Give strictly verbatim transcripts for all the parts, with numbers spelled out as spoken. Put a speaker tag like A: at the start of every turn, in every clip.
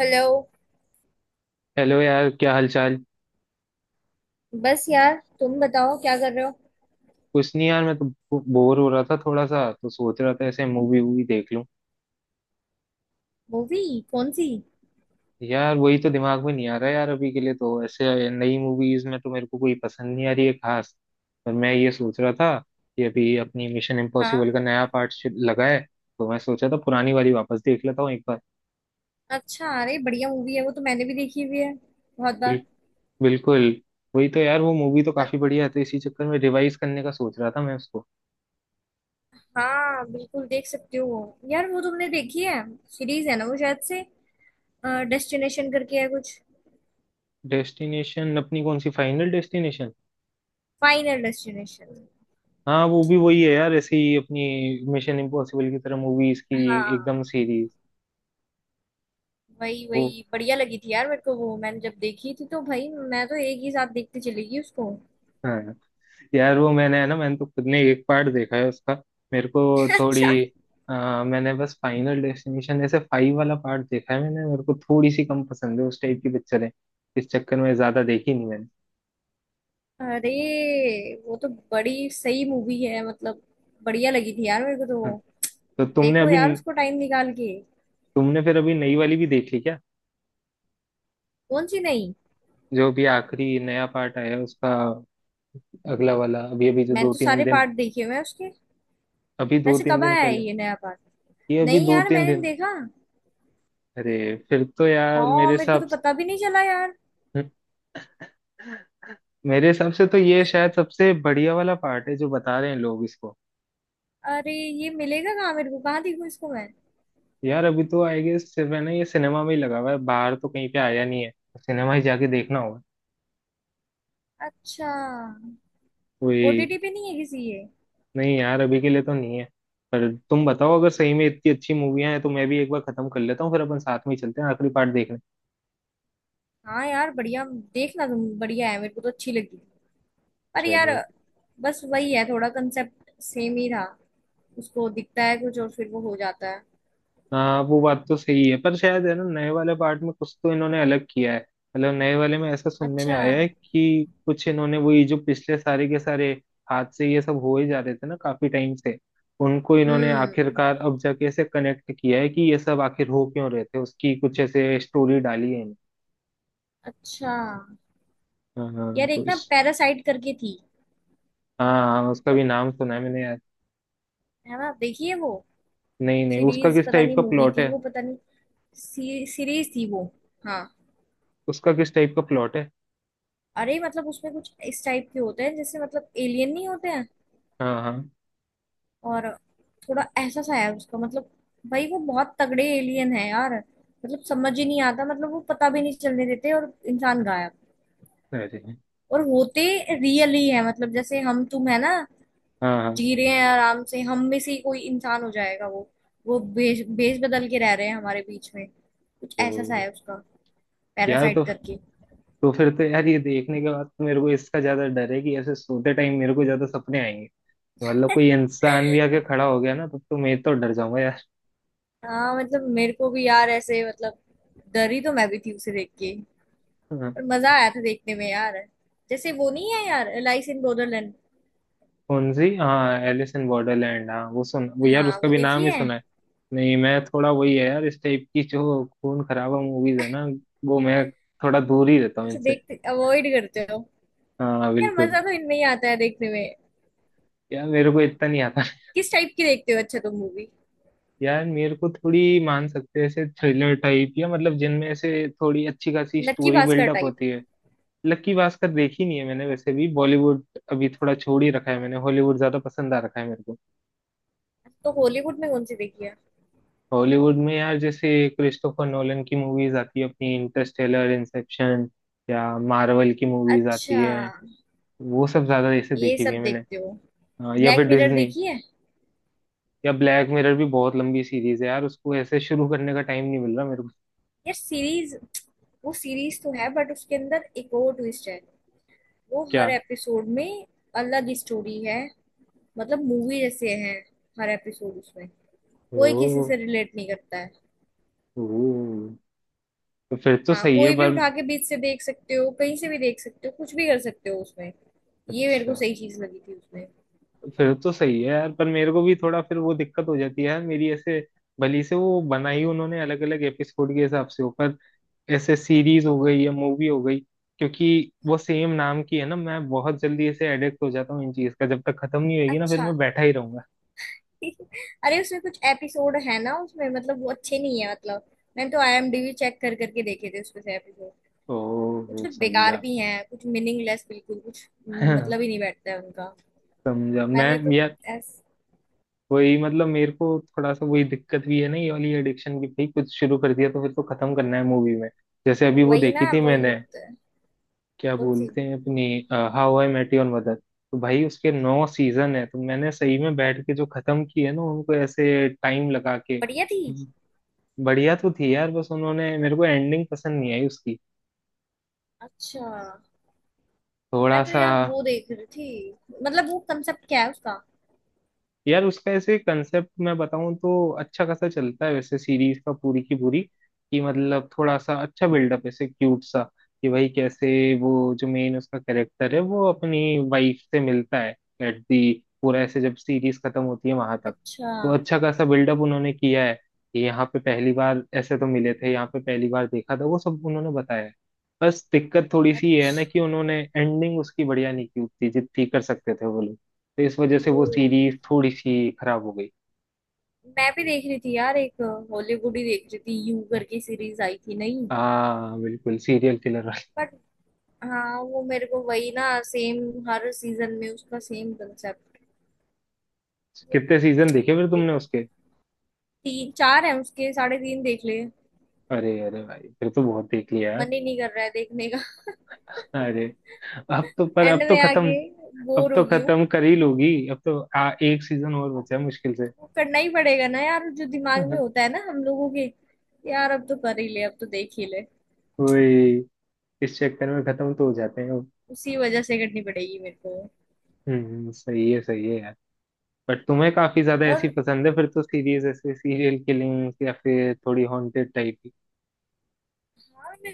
A: Hello.
B: Hello यार, क्या हालचाल।
A: बस यार, तुम बताओ क्या कर रहे हो।
B: कुछ नहीं यार, मैं तो बोर हो रहा था थोड़ा सा, तो सोच रहा था ऐसे मूवी वूवी देख लूं।
A: मूवी? कौन सी?
B: यार वही तो दिमाग में नहीं आ रहा यार, अभी के लिए तो ऐसे नई मूवीज में तो मेरे को कोई पसंद नहीं आ रही है खास। पर मैं ये सोच रहा था कि अभी अपनी मिशन
A: हाँ।
B: इम्पॉसिबल का नया पार्ट लगा है, तो मैं सोचा था पुरानी वाली वापस देख लेता हूँ एक बार।
A: अच्छा, अरे बढ़िया मूवी है, वो तो मैंने भी देखी हुई है, बहुत बार।
B: बिल, बिल्कुल, वही तो यार, वो मूवी तो
A: अ-
B: काफी बढ़िया है, तो इसी चक्कर में रिवाइज करने का सोच रहा था मैं उसको।
A: हाँ, बिल्कुल देख सकते हो यार। वो तुमने देखी है, सीरीज है ना वो शायद से, डेस्टिनेशन करके है कुछ।
B: डेस्टिनेशन अपनी कौन सी, फाइनल डेस्टिनेशन।
A: Final destination.
B: हाँ वो भी वही है यार, ऐसे ही अपनी मिशन इम्पॉसिबल की तरह मूवीज की
A: हाँ,
B: एकदम सीरीज।
A: वही
B: वो
A: वही बढ़िया लगी थी यार मेरे को वो। मैंने जब देखी थी तो भाई मैं तो एक ही साथ देखते चली गई उसको।
B: हाँ, यार वो मैंने है ना, मैंने तो खुद ने एक पार्ट देखा है उसका। मेरे को थोड़ी
A: अच्छा।
B: आ, मैंने बस फाइनल डेस्टिनेशन ऐसे फाइव वाला पार्ट देखा है मैंने, मेरे को थोड़ी सी कम पसंद है, उस टाइप की पिक्चर है। इस चक्कर में ज्यादा देखी नहीं मैंने।
A: अरे वो तो बड़ी सही मूवी है, मतलब बढ़िया लगी थी यार मेरे को तो
B: हाँ,
A: वो।
B: तो तुमने
A: देखो
B: अभी,
A: यार उसको टाइम निकाल के।
B: तुमने फिर अभी नई वाली भी देख ली क्या,
A: कौन सी? नहीं।
B: जो अभी आखिरी नया पार्ट आया है उसका, अगला वाला अभी अभी जो
A: मैंने
B: दो
A: तो
B: तीन
A: सारे
B: दिन,
A: पार्ट देखे हुए हैं उसके।
B: अभी दो
A: वैसे
B: तीन
A: कब
B: दिन
A: आया है
B: पहले,
A: ये नया पार्ट?
B: ये अभी
A: नहीं
B: दो
A: यार,
B: तीन
A: मैंने नहीं
B: दिन।
A: देखा।
B: अरे फिर तो यार मेरे
A: हाँ, मेरे को तो
B: हिसाब
A: पता भी नहीं चला यार।
B: से- मेरे हिसाब से तो ये शायद सबसे बढ़िया वाला पार्ट है, जो बता रहे हैं लोग इसको।
A: अरे ये मिलेगा कहाँ? मेरे को कहाँ देखूँ इसको मैं?
B: यार अभी तो आई गेस मैंने, ये सिनेमा में ही लगा हुआ है, बाहर तो कहीं पे आया नहीं है, सिनेमा ही जाके देखना होगा।
A: अच्छा।
B: कोई
A: ओटीटी पे नहीं है किसी ये?
B: नहीं यार, अभी के लिए तो नहीं है। पर तुम बताओ अगर सही में इतनी अच्छी मूवियां हैं, तो मैं भी एक बार खत्म कर लेता हूँ, फिर अपन साथ में ही चलते हैं आखिरी पार्ट देखने।
A: हाँ यार बढ़िया। देखना तुम, बढ़िया है, मेरे को तो अच्छी लगी। पर यार
B: चलो।
A: बस वही है, थोड़ा कंसेप्ट सेम ही था। उसको दिखता है कुछ और फिर वो हो जाता है।
B: हाँ वो बात तो सही है, पर शायद है ना, नए वाले पार्ट में कुछ तो इन्होंने अलग किया है। मतलब नए वाले में ऐसा सुनने में
A: अच्छा।
B: आया है कि कुछ इन्होंने, वही जो पिछले सारे के सारे हादसे ये सब हो ही जा रहे थे ना काफी टाइम से, उनको इन्होंने
A: हम्म।
B: आखिरकार अब जाके ऐसे कनेक्ट किया है कि ये सब आखिर हो क्यों रहे थे, उसकी कुछ ऐसे स्टोरी डाली है इन्होंने।
A: अच्छा।
B: हाँ हाँ,
A: यार
B: तो
A: एक ना
B: इस,
A: पैरासाइट करके थी।
B: हाँ हाँ, उसका
A: मतलब,
B: भी नाम सुना है मैंने यार।
A: है ना, देखिए वो
B: नहीं नहीं, उसका
A: सीरीज,
B: किस
A: पता
B: टाइप
A: नहीं
B: का
A: मूवी
B: प्लॉट
A: थी
B: है।
A: वो, पता नहीं। सी, सीरीज थी वो। हाँ।
B: उसका किस टाइप का प्लॉट है।
A: अरे मतलब उसमें कुछ इस टाइप के होते हैं, जैसे मतलब एलियन नहीं होते हैं।
B: हाँ हाँ।
A: और थोड़ा ऐसा सा है उसका, मतलब भाई वो बहुत तगड़े एलियन है यार। मतलब समझ ही नहीं आता, मतलब वो पता भी नहीं चलने देते और इंसान गायब।
B: अरे
A: और होते रियली है, मतलब जैसे हम तुम है ना
B: हाँ हाँ।
A: जी रहे हैं आराम से, हम में से ही कोई इंसान हो जाएगा वो। वो भेष भेष बदल के रह रहे हैं हमारे बीच में, कुछ ऐसा सा
B: तो
A: है उसका।
B: यार,
A: पैरासाइट
B: तो
A: करके।
B: तो फिर तो यार ये देखने के बाद तो मेरे को इसका ज्यादा डर है कि ऐसे सोते टाइम मेरे को ज्यादा सपने आएंगे। मतलब कोई इंसान भी आके खड़ा हो गया ना, तब तो मैं तो डर जाऊंगा यार।
A: हाँ मतलब मेरे को भी यार ऐसे, मतलब डरी तो मैं भी थी उसे देख के।
B: हाँ।
A: पर मजा आया था देखने में यार। जैसे वो नहीं है यार, एलाइस इन बॉर्डरलैंड।
B: कौन सी, हाँ एलिस इन बॉर्डरलैंड, हाँ वो सुन, वो यार
A: हाँ
B: उसका
A: वो
B: भी नाम
A: देखी
B: ही
A: है।
B: सुना है। नहीं मैं थोड़ा, वही है यार, इस टाइप की जो खून खराबा मूवीज है ना, वो मैं थोड़ा दूर ही रहता हूँ
A: अच्छा,
B: इनसे।
A: देखते अवॉइड करते हो?
B: हाँ
A: यार
B: बिल्कुल।
A: मजा तो इनमें ही आता है देखने में।
B: यार मेरे को इतना नहीं आता।
A: किस टाइप की देखते हो अच्छा तुम मूवी?
B: यार मेरे को थोड़ी, मान सकते हैं ऐसे थ्रिलर टाइप, या मतलब जिनमें ऐसे थोड़ी अच्छी खासी
A: नक्की
B: स्टोरी
A: भास्कर
B: बिल्डअप
A: टाइप?
B: होती है। लक्की भास्कर देखी नहीं है मैंने, वैसे भी बॉलीवुड अभी थोड़ा छोड़ ही रखा है मैंने, हॉलीवुड ज्यादा पसंद आ रखा है मेरे को।
A: तो हॉलीवुड में कौन सी देखी है?
B: हॉलीवुड में यार, जैसे क्रिस्टोफर नोलन की मूवीज आती है अपनी, इंटरस्टेलर, इंसेप्शन, या मार्वल की मूवीज आती
A: अच्छा।
B: है, वो सब ज्यादा ऐसे
A: ये
B: देखी हुई
A: सब
B: है मैंने।
A: देखते हो?
B: अ, या
A: ब्लैक
B: फिर
A: मिरर
B: डिज्नी,
A: देखी है?
B: या ब्लैक मिरर भी बहुत लंबी सीरीज है यार, उसको ऐसे शुरू करने का टाइम नहीं मिल रहा मेरे को।
A: यार सीरीज, वो सीरीज तो है बट उसके अंदर एक और ट्विस्ट है। वो
B: क्या।
A: हर एपिसोड में अलग ही स्टोरी है। मतलब मूवी जैसे है हर एपिसोड उसमें। कोई किसी
B: ओ,
A: से रिलेट नहीं करता है।
B: ओ, तो फिर तो
A: हाँ,
B: सही है
A: कोई भी
B: पर।
A: उठा के बीच से देख सकते हो, कहीं से भी देख सकते हो, कुछ भी कर सकते हो उसमें। ये मेरे
B: अच्छा,
A: को सही चीज लगी थी उसमें।
B: फिर तो सही है यार, पर मेरे को भी थोड़ा फिर वो दिक्कत हो जाती है यार मेरी, ऐसे भली से वो बनाई उन्होंने अलग अलग एपिसोड के हिसाब से ऊपर, ऐसे सीरीज हो गई या मूवी हो गई, क्योंकि वो सेम नाम की है ना, मैं बहुत जल्दी ऐसे एडिक्ट हो जाता हूँ इन चीज का, जब तक खत्म नहीं होगी ना फिर
A: अच्छा।
B: मैं बैठा ही रहूंगा।
A: अरे उसमें कुछ एपिसोड है ना उसमें, मतलब वो अच्छे नहीं है, मतलब मैंने तो आईएमडीबी चेक कर करके देखे थे उसमें से एपिसोड। कुछ
B: ओ
A: कुछ बेकार
B: समझा।
A: भी हैं, कुछ मीनिंगलेस, बिल्कुल कुछ मतलब ही नहीं बैठता है उनका।
B: समझा मैं।
A: मैंने तो
B: यार
A: ऐस
B: वही मतलब मेरे को थोड़ा सा वही दिक्कत भी है ना, ये वाली एडिक्शन की, भाई कुछ शुरू कर दिया तो फिर तो खत्म करना है मूवी में। जैसे अभी वो
A: वही
B: देखी
A: ना,
B: थी
A: वही
B: मैंने,
A: होता है।
B: क्या
A: कौन सी?
B: बोलते हैं अपनी, How I Met Your Mother, तो भाई उसके नौ सीजन है, तो मैंने सही में बैठ के जो खत्म किए ना उनको, ऐसे टाइम लगा के।
A: बढ़िया थी।
B: बढ़िया तो थी यार, बस उन्होंने मेरे को एंडिंग पसंद नहीं आई उसकी,
A: अच्छा। मैं
B: थोड़ा
A: तो
B: सा।
A: यार वो देख रही थी। मतलब वो कंसेप्ट क्या है उसका?
B: यार उसका ऐसे कंसेप्ट मैं बताऊं तो अच्छा खासा चलता है वैसे सीरीज का, पूरी की पूरी, कि मतलब थोड़ा सा अच्छा बिल्डअप ऐसे क्यूट सा, कि भाई कैसे वो जो मेन उसका कैरेक्टर है, वो अपनी वाइफ से मिलता है एट दी, पूरा ऐसे जब सीरीज खत्म होती है वहां तक।
A: अच्छा।
B: तो अच्छा खासा बिल्डअप उन्होंने किया है कि यहाँ पे पहली बार ऐसे तो मिले थे, यहाँ पे पहली बार देखा था, वो सब उन्होंने बताया है। बस दिक्कत थोड़ी सी ये है ना
A: अच्छा।
B: कि उन्होंने एंडिंग उसकी बढ़िया नहीं की उतनी जितनी कर सकते थे वो लोग, तो इस वजह
A: ओ।
B: से वो सीरीज थोड़ी सी खराब हो गई।
A: मैं भी देख रही थी यार एक, हॉलीवुड ही देख रही थी, यू करके सीरीज आई थी नहीं?
B: हाँ बिल्कुल, सीरियल किलर वाली।
A: बट हाँ, वो मेरे को वही ना सेम, हर सीजन में उसका सेम कंसेप्ट। मतलब
B: कितने सीजन देखे फिर तुमने
A: देख
B: उसके।
A: तीन चार है उसके, साढ़े तीन देख ले।
B: अरे अरे भाई फिर तो बहुत देख लिया यार।
A: मन ही नहीं कर रहा है देखने का।
B: अरे अब तो, पर
A: एंड
B: अब तो
A: में
B: खत्म,
A: आगे
B: अब
A: बोर हो
B: तो
A: गई हूँ।
B: खत्म कर ही लोगी, अब तो आ, एक सीजन और बचा है मुश्किल से।
A: वो करना ही पड़ेगा ना यार, जो दिमाग में होता है ना हम लोगों के। यार अब तो कर ही ले, अब तो देख ही ले।
B: वही, इस चक्कर में खत्म तो हो जाते हैं वो।
A: उसी वजह से करनी पड़ेगी मेरे को।
B: हम्म, सही है सही है यार। बट तुम्हें काफी ज्यादा ऐसी
A: और।
B: पसंद है फिर तो सीरीज, ऐसे सीरियल किलिंग, या फिर थोड़ी हॉन्टेड टाइप की।
A: हाँ, मैं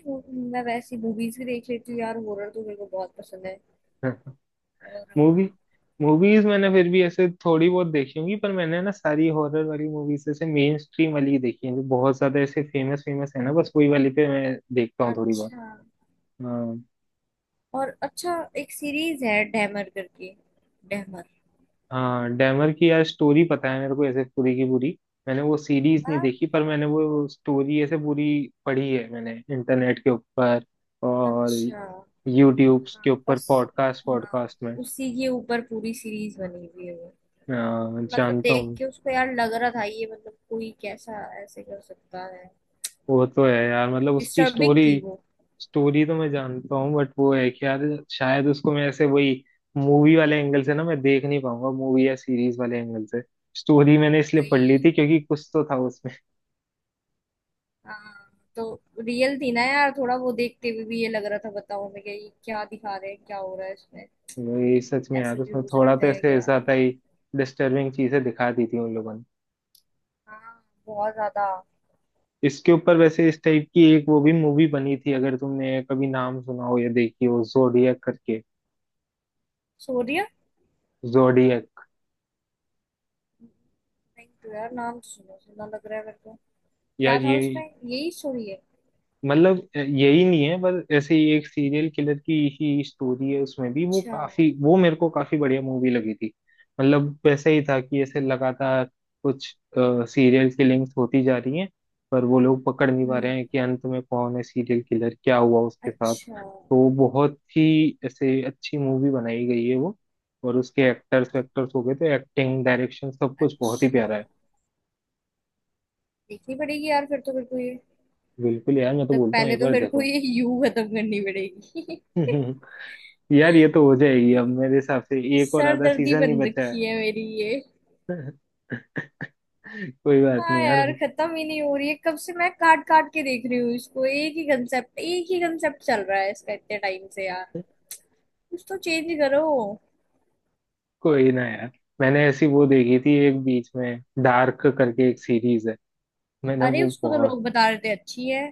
A: मैं वैसी मूवीज भी देख लेती हूँ यार, हॉरर तो मेरे को बहुत पसंद है। और।
B: मूवी, मूवीज मैंने फिर भी ऐसे थोड़ी बहुत देखी होंगी, पर मैंने ना सारी हॉरर वाली मूवीज ऐसे मेन स्ट्रीम वाली ही देखी है, जो बहुत ज्यादा ऐसे फेमस फेमस है ना, बस वही वाली पे मैं देखता हूँ थोड़ी बहुत।
A: अच्छा।
B: हाँ।
A: और अच्छा, एक सीरीज है डैमर करके। डैमर।
B: हाँ डैमर की यार स्टोरी पता है मेरे को ऐसे पूरी की पूरी। मैंने वो सीरीज नहीं
A: डैमर।
B: देखी, पर मैंने वो स्टोरी ऐसे पूरी पढ़ी है मैंने इंटरनेट के ऊपर, और
A: अच्छा।
B: यूट्यूब
A: हाँ
B: के ऊपर
A: बस।
B: पॉडकास्ट
A: हाँ,
B: पॉडकास्ट में।
A: उसी के ऊपर पूरी सीरीज बनी हुई है वो।
B: हाँ,
A: मतलब
B: जानता
A: देख
B: हूँ।
A: के उसको यार लग रहा था, ये मतलब कोई कैसा ऐसे कर सकता है।
B: वो तो है यार, मतलब उसकी
A: डिस्टर्बिंग
B: स्टोरी,
A: थी वो।
B: स्टोरी तो मैं जानता हूँ, बट वो है कि यार शायद उसको मैं ऐसे वही मूवी वाले एंगल से ना मैं देख नहीं पाऊंगा, मूवी या सीरीज वाले एंगल से। स्टोरी मैंने इसलिए पढ़
A: वही।
B: ली थी क्योंकि कुछ तो था उसमें।
A: हाँ। तो रियल थी ना यार, थोड़ा वो देखते हुए भी ये लग रहा था, बताओ मैं क्या, ये क्या दिखा रहे हैं, क्या हो रहा है इसमें।
B: वही सच में यार,
A: ऐसे भी
B: उसमें
A: हो
B: थोड़ा
A: सकता
B: तो
A: है
B: ऐसे
A: क्या?
B: ज्यादा ही डिस्टर्बिंग चीजें दिखा दी थी उन लोगों ने।
A: हाँ, बहुत ज्यादा।
B: इसके ऊपर वैसे इस टाइप की एक वो भी मूवी बनी थी, अगर तुमने कभी नाम सुना हो या देखी हो, जोडियक करके।
A: सोरिया?
B: जोडियक।
A: नहीं तो यार, नाम तो सुना सुना लग रहा है मेरे को। क्या
B: यार
A: था
B: ये,
A: उसमें, यही स्टोरी है?
B: मतलब यही नहीं है, पर ऐसे ही एक सीरियल किलर की ही स्टोरी है उसमें भी, वो
A: अच्छा।
B: काफी, वो मेरे को काफी बढ़िया मूवी लगी थी। मतलब वैसे ही था कि ऐसे लगातार कुछ सीरियल किलिंग्स होती जा रही हैं, पर वो लोग पकड़ नहीं पा
A: हम्म।
B: रहे हैं कि अंत में कौन है सीरियल किलर, क्या हुआ उसके साथ।
A: अच्छा।
B: तो बहुत ही ऐसे अच्छी मूवी बनाई गई है वो। और उसके एक्टर्स वेक्टर्स हो गए, तो एक्टिंग, डायरेक्शन सब कुछ बहुत ही
A: अच्छा,
B: प्यारा है।
A: देखनी पड़ेगी यार फिर तो मेरे को ये।
B: बिल्कुल यार,
A: तब
B: मैं तो
A: तक
B: बोलता हूँ
A: पहले
B: एक
A: तो
B: बार
A: फिर को
B: देखो।
A: ये यू खत्म करनी पड़ेगी।
B: यार ये तो हो जाएगी अब मेरे हिसाब से, एक और आधा
A: सरदर्दी
B: सीजन ही
A: बन
B: बचा
A: रखी है मेरी ये।
B: है। कोई बात
A: हाँ
B: नहीं यार।
A: यार, खत्म ही नहीं हो रही है, कब से मैं काट काट के देख रही हूँ इसको। एक ही कंसेप्ट, एक ही कंसेप्ट चल रहा है इसका इतने टाइम से यार। कुछ तो चेंज करो।
B: कोई ना यार, मैंने ऐसी वो देखी थी एक बीच में, डार्क करके एक सीरीज है, मैंने
A: अरे
B: वो
A: उसको तो
B: बहुत।
A: लोग बता रहे थे अच्छी है।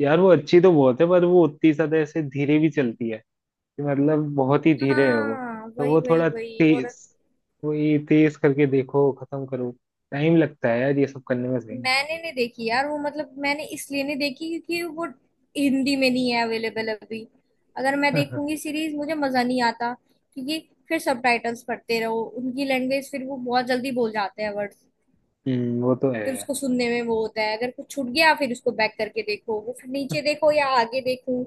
B: यार वो अच्छी तो बहुत है, पर वो उतनी ज्यादा ऐसे धीरे भी चलती है, कि मतलब बहुत ही धीरे है वो।
A: हाँ,
B: तो
A: वही
B: वो
A: वही
B: थोड़ा
A: वही। और
B: तेज, वही तेज करके देखो खत्म करो। टाइम लगता है यार ये सब करने में, सही।
A: मैंने नहीं देखी यार वो, मतलब मैंने इसलिए नहीं देखी क्योंकि वो हिंदी में नहीं है अवेलेबल अभी। अगर मैं देखूंगी सीरीज मुझे मजा नहीं आता, क्योंकि फिर सबटाइटल्स पढ़ते रहो, उनकी लैंग्वेज फिर वो बहुत जल्दी बोल जाते हैं वर्ड्स।
B: हम्म, वो तो है
A: फिर
B: यार।
A: उसको सुनने में वो होता है, अगर कुछ छूट गया फिर उसको बैक करके देखो, वो फिर नीचे देखो या आगे देखो।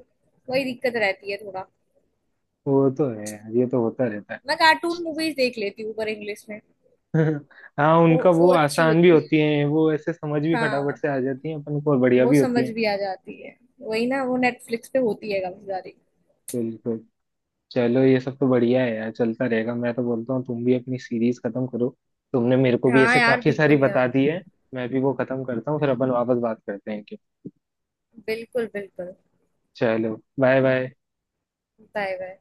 A: वही दिक्कत रहती है थोड़ा।
B: वो तो है यार, ये तो होता रहता है।
A: मैं कार्टून मूवीज देख लेती हूँ पर इंग्लिश में।
B: हाँ
A: वो
B: उनका, वो
A: वो अच्छी
B: आसान भी
A: होती है।
B: होती है, वो ऐसे समझ भी फटाफट
A: हाँ,
B: से आ जाती है अपन को, और बढ़िया
A: वो
B: भी होती
A: समझ
B: है।
A: भी आ जाती है। वही ना, वो नेटफ्लिक्स पे होती है काफी सारी।
B: बिल्कुल। चलो ये सब तो बढ़िया है यार, चलता रहेगा। मैं तो बोलता हूँ तुम भी अपनी सीरीज खत्म करो, तुमने मेरे को भी
A: हाँ
B: ऐसे
A: यार,
B: काफी सारी
A: बिल्कुल
B: बता
A: यार।
B: दी है, मैं भी वो खत्म करता हूँ, फिर अपन वापस बात करते हैं कि।
A: बिल्कुल बिल्कुल।
B: चलो, बाय बाय।
A: Bye bye.